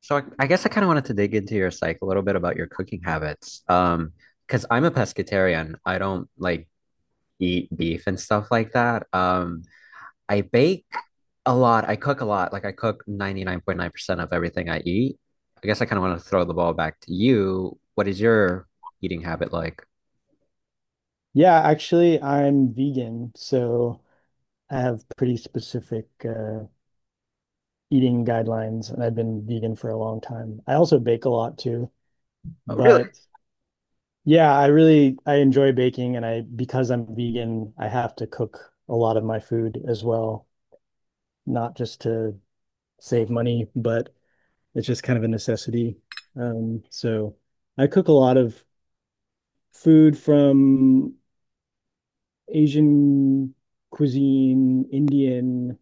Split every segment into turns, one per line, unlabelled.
So I guess I kind of wanted to dig into your psych a little bit about your cooking habits. Because I'm a pescatarian. I don't like eat beef and stuff like that. I bake a lot. I cook a lot. Like I cook 99.9% of everything I eat. I guess I kind of want to throw the ball back to you. What is your eating habit like?
Yeah, actually, I'm vegan, so I have pretty specific eating guidelines, and I've been vegan for a long time. I also bake a lot too,
Oh, really?
but yeah, I enjoy baking, and I because I'm vegan, I have to cook a lot of my food as well, not just to save money, but it's just kind of a necessity. So I cook a lot of food from Asian cuisine, Indian,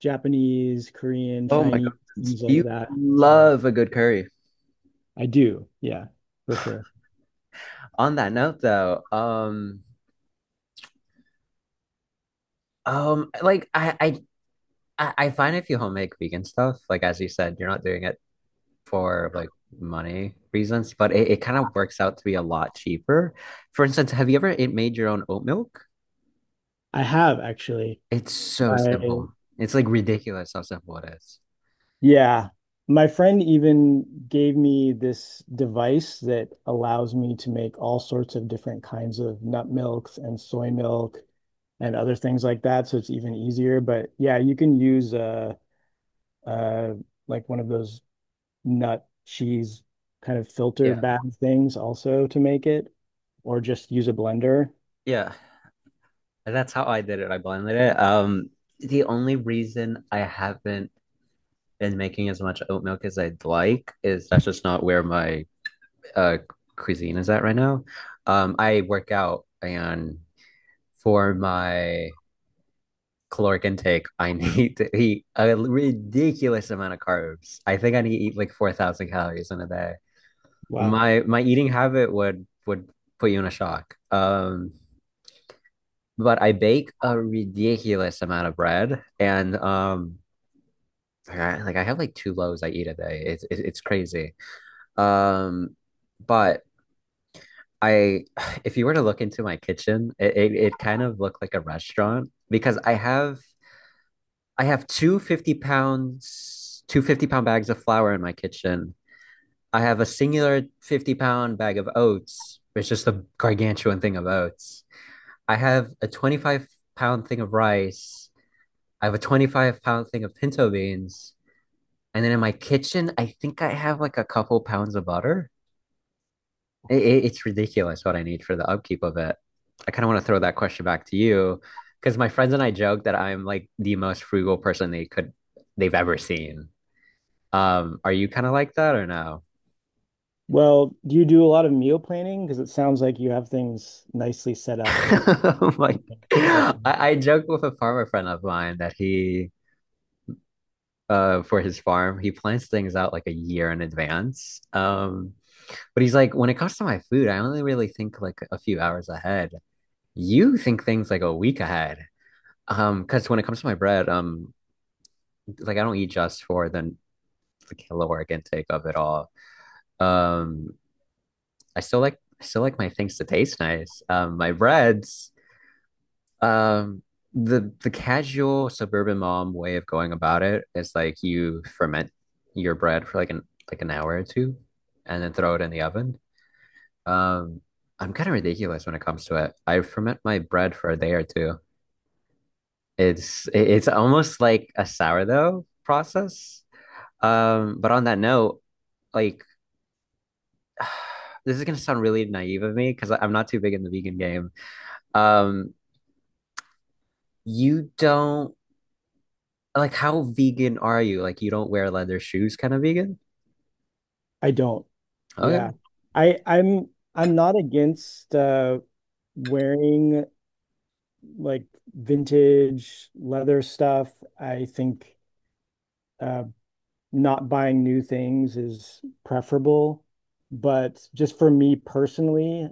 Japanese, Korean,
Oh my God.
Chinese, things like
You
that. So
love a good curry.
I do, yeah, for sure.
On that note though, like I find if you homemade vegan stuff, like as you said, you're not doing it for like money reasons, but it kind of works out to be a lot cheaper. For instance, have you ever it made your own oat milk?
I have actually.
It's so
My
simple. It's like ridiculous how simple it is.
yeah, my friend even gave me this device that allows me to make all sorts of different kinds of nut milks and soy milk and other things like that. So it's even easier. But yeah, you can use uh like one of those nut cheese kind of filter
Yeah.
bag things also to make it, or just use a blender.
Yeah. And that's how I did it. I blended it. The only reason I haven't, and making as much oat milk as I'd like, is that's just not where my uh cuisine is at right now. I work out and for my caloric intake, I need to eat a ridiculous amount of carbs. I think I need to eat like 4,000 calories in a day.
Wow.
My eating habit would put you in a shock. But I bake a ridiculous amount of bread and like I have like two loaves I eat a day. It's crazy. Um, but I, if you were to look into my kitchen, it kind of looked like a restaurant because I have two 50 pounds, two 50 pound bags of flour in my kitchen. I have a singular 50 pound bag of oats. It's just a gargantuan thing of oats. I have a 25 pound thing of rice. I have a 25 pound thing of pinto beans. And then in my kitchen, I think I have like a couple pounds of butter. It, it's ridiculous what I need for the upkeep of it. I kind of want to throw that question back to you because my friends and I joke that I'm like the most frugal person they've ever seen. Are you kind of like that or no?
Well, do you do a lot of meal planning? Because it sounds like you have things nicely set up to,
Like,
or
I joke with a farmer friend of mine that he for his farm he plans things out like a year in advance. But he's like, when it comes to my food, I only really think like a few hours ahead. You think things like a week ahead. Because when it comes to my bread, like I don't eat just for the caloric intake of it all. Um, I still like my things to taste nice. My breads. Um, the casual suburban mom way of going about it is like you ferment your bread for like an hour or two, and then throw it in the oven. Um, I'm kind of ridiculous when it comes to it. I ferment my bread for a day or two. It's almost like a sourdough process. But on that note, like this is gonna sound really naive of me because I'm not too big in the vegan game. Um, you don't like how vegan are you? Like you don't wear leather shoes, kind of vegan?
I don't. Yeah.
Okay.
I'm not against wearing like vintage leather stuff. I think uh not buying new things is preferable, but just for me personally,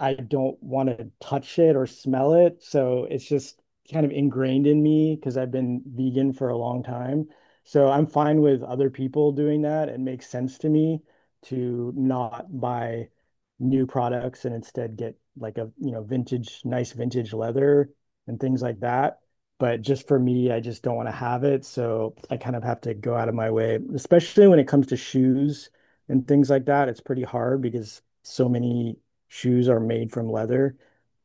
I don't want to touch it or smell it. So it's just kind of ingrained in me because I've been vegan for a long time. So I'm fine with other people doing that. It makes sense to me to not buy new products and instead get like a, you know, vintage, nice vintage leather and things like that. But just for me, I just don't want to have it. So I kind of have to go out of my way, especially when it comes to shoes and things like that. It's pretty hard because so many shoes are made from leather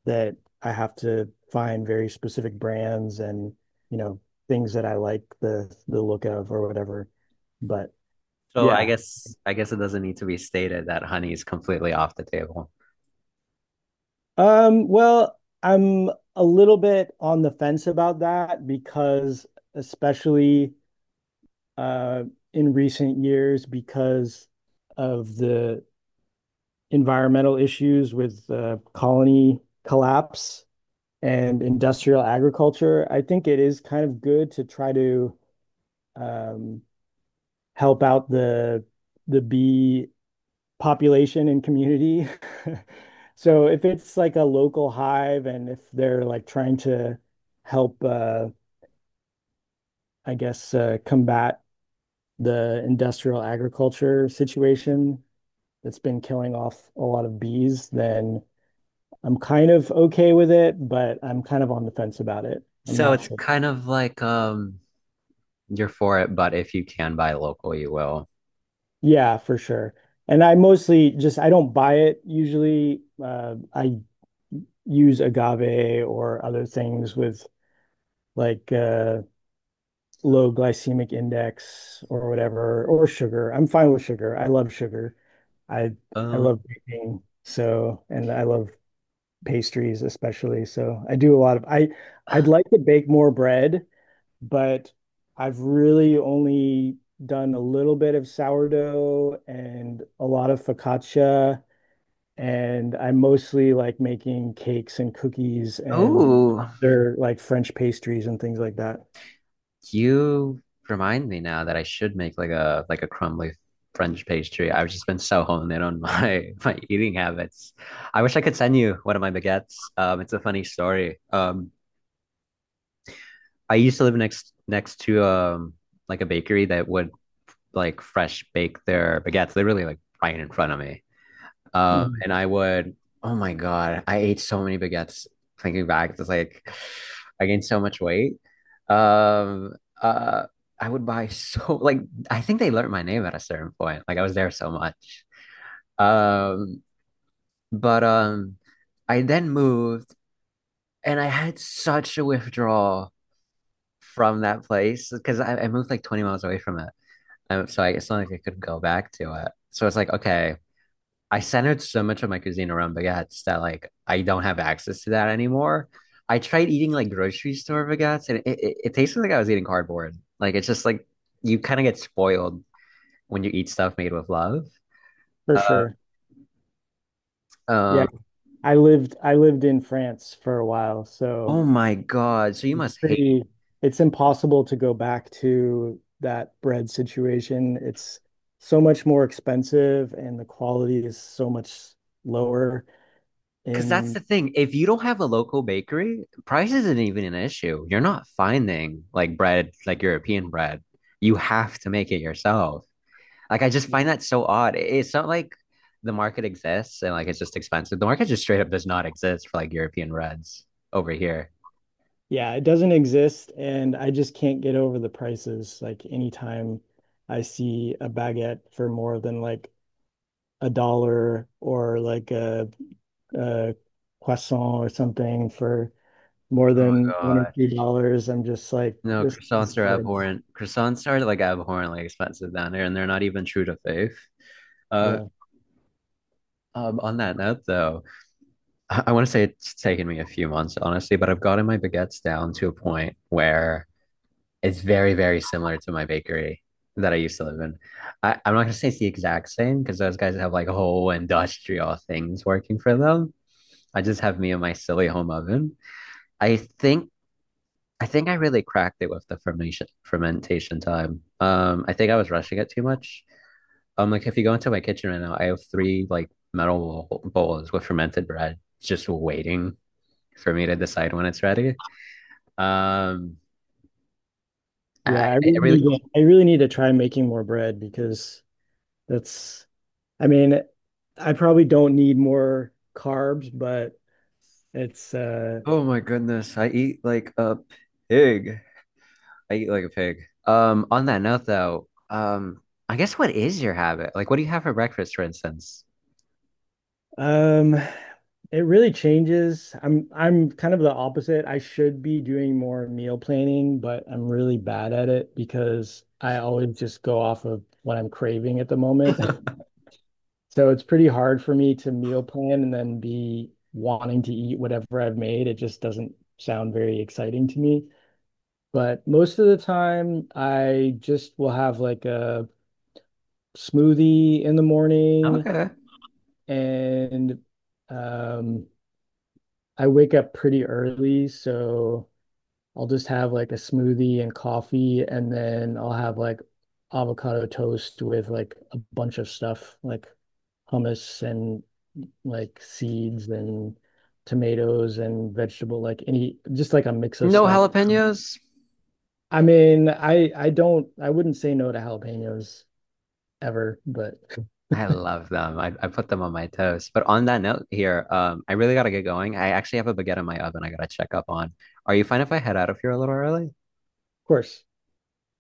that I have to find very specific brands and, you know, things that I like the look of or whatever. But
So I
yeah.
guess I guess it doesn't need to be stated that honey is completely off the table.
Well, I'm a little bit on the fence about that because especially uh in recent years because of the environmental issues with the colony collapse and industrial agriculture, I think it is kind of good to try to um, help out the bee population and community. So if it's like a local hive and if they're like trying to help, I guess, combat the industrial agriculture situation that's been killing off a lot of bees, then I'm kind of okay with it, but I'm kind of on the fence about it. I'm
So
not
it's
sure.
kind of like you're for it, but if you can buy local, you will.
Yeah, for sure. And I mostly just I don't buy it usually. I use agave or other things with like uh, low glycemic index or whatever, or sugar. I'm fine with sugar. I love sugar. I I
Uh,
love baking, so and I love pastries especially. So I do a lot of I I'd like to bake more bread but I've really only done a little bit of sourdough and a lot of focaccia. And I am mostly like making cakes and cookies and
oh,
other like French pastries and things like that.
You remind me now that I should make like a crumbly French pastry. I've just been so honed in on my my eating habits. I wish I could send you one of my baguettes. It's a funny story. I used to live next to like a bakery that would like fresh bake their baguettes. They really like right in front of me.
Mm.
And I would, oh my God, I ate so many baguettes thinking back. It's like I gained so much weight. Um, uh, I would buy so like I think they learned my name at a certain point. Like I was there so much. Um, but I then moved and I had such a withdrawal from that place because I moved like 20 miles away from it. So it's not like I could go back to it. So it's like, okay, I centered so much of my cuisine around baguettes that like I don't have access to that anymore. I tried eating like grocery store baguettes and it tasted like I was eating cardboard. Like it's just like you kind of get spoiled when you eat stuff made with love.
For
Uh,
sure. Yeah.
uh,
I lived in France for a while, so
oh my God. So you must hate
pretty it's impossible to go back to that bread situation. It's so much more expensive and the quality is so much lower.
because that's
And
the thing. If you don't have a local bakery, price isn't even an issue. You're not finding like bread, like European bread. You have to make it yourself. Like I just find that so odd. It's not like the market exists and like it's just expensive. The market just straight up does not exist for like European reds over here.
yeah, it doesn't exist, and I just can't get over the prices. Like anytime I see a baguette for more than like a dollar or like a croissant or something for more
Oh my
than one or
God.
two dollars, I'm just like,
No,
this is
croissants are
good.
abhorrent. Croissants are like abhorrently expensive down there, and they're not even true to faith. Uh,
Yeah.
on that note, though, I want to say it's taken me a few months, honestly, but I've gotten my baguettes down to a point where it's very, very similar to my bakery that I used to live in. I'm not gonna say it's the exact same because those guys have like whole industrial things working for them. I just have me and my silly home oven. I think I think I really cracked it with the fermentation time. I think I was rushing it too much. Like if you go into my kitchen right now, I have three like metal bowls with fermented bread.
Yeah, I really need to try making more bread because that's, I mean, I probably don't need more carbs, but it's uh
Oh my goodness. I eat like a pig. I eat like a pig. On that note though, I guess what is your habit? Like what do you have for breakfast, for instance?
um it really changes. I'm kind of the opposite. I should be doing more meal planning, but I'm really bad at it because I always just go off of what I'm craving at the moment. So it's pretty hard for me to meal plan and then be wanting to eat whatever I've made. It just doesn't sound very exciting to me. But most of the time, I just will have like a smoothie in the morning
Okay.
and um I wake up pretty early, so I'll just have like a smoothie and coffee, and then I'll have like avocado toast with like a bunch of stuff, like hummus and like seeds and tomatoes and vegetable, like any just like a mix of
No
stuff.
jalapenos?
I mean, I don't I wouldn't say no to jalapenos ever, but of
I love them. I put them on my toast. But on that note here, I really gotta get going. I actually have a baguette in my oven I gotta check up on. Are you fine if I head out of here a little early?
course.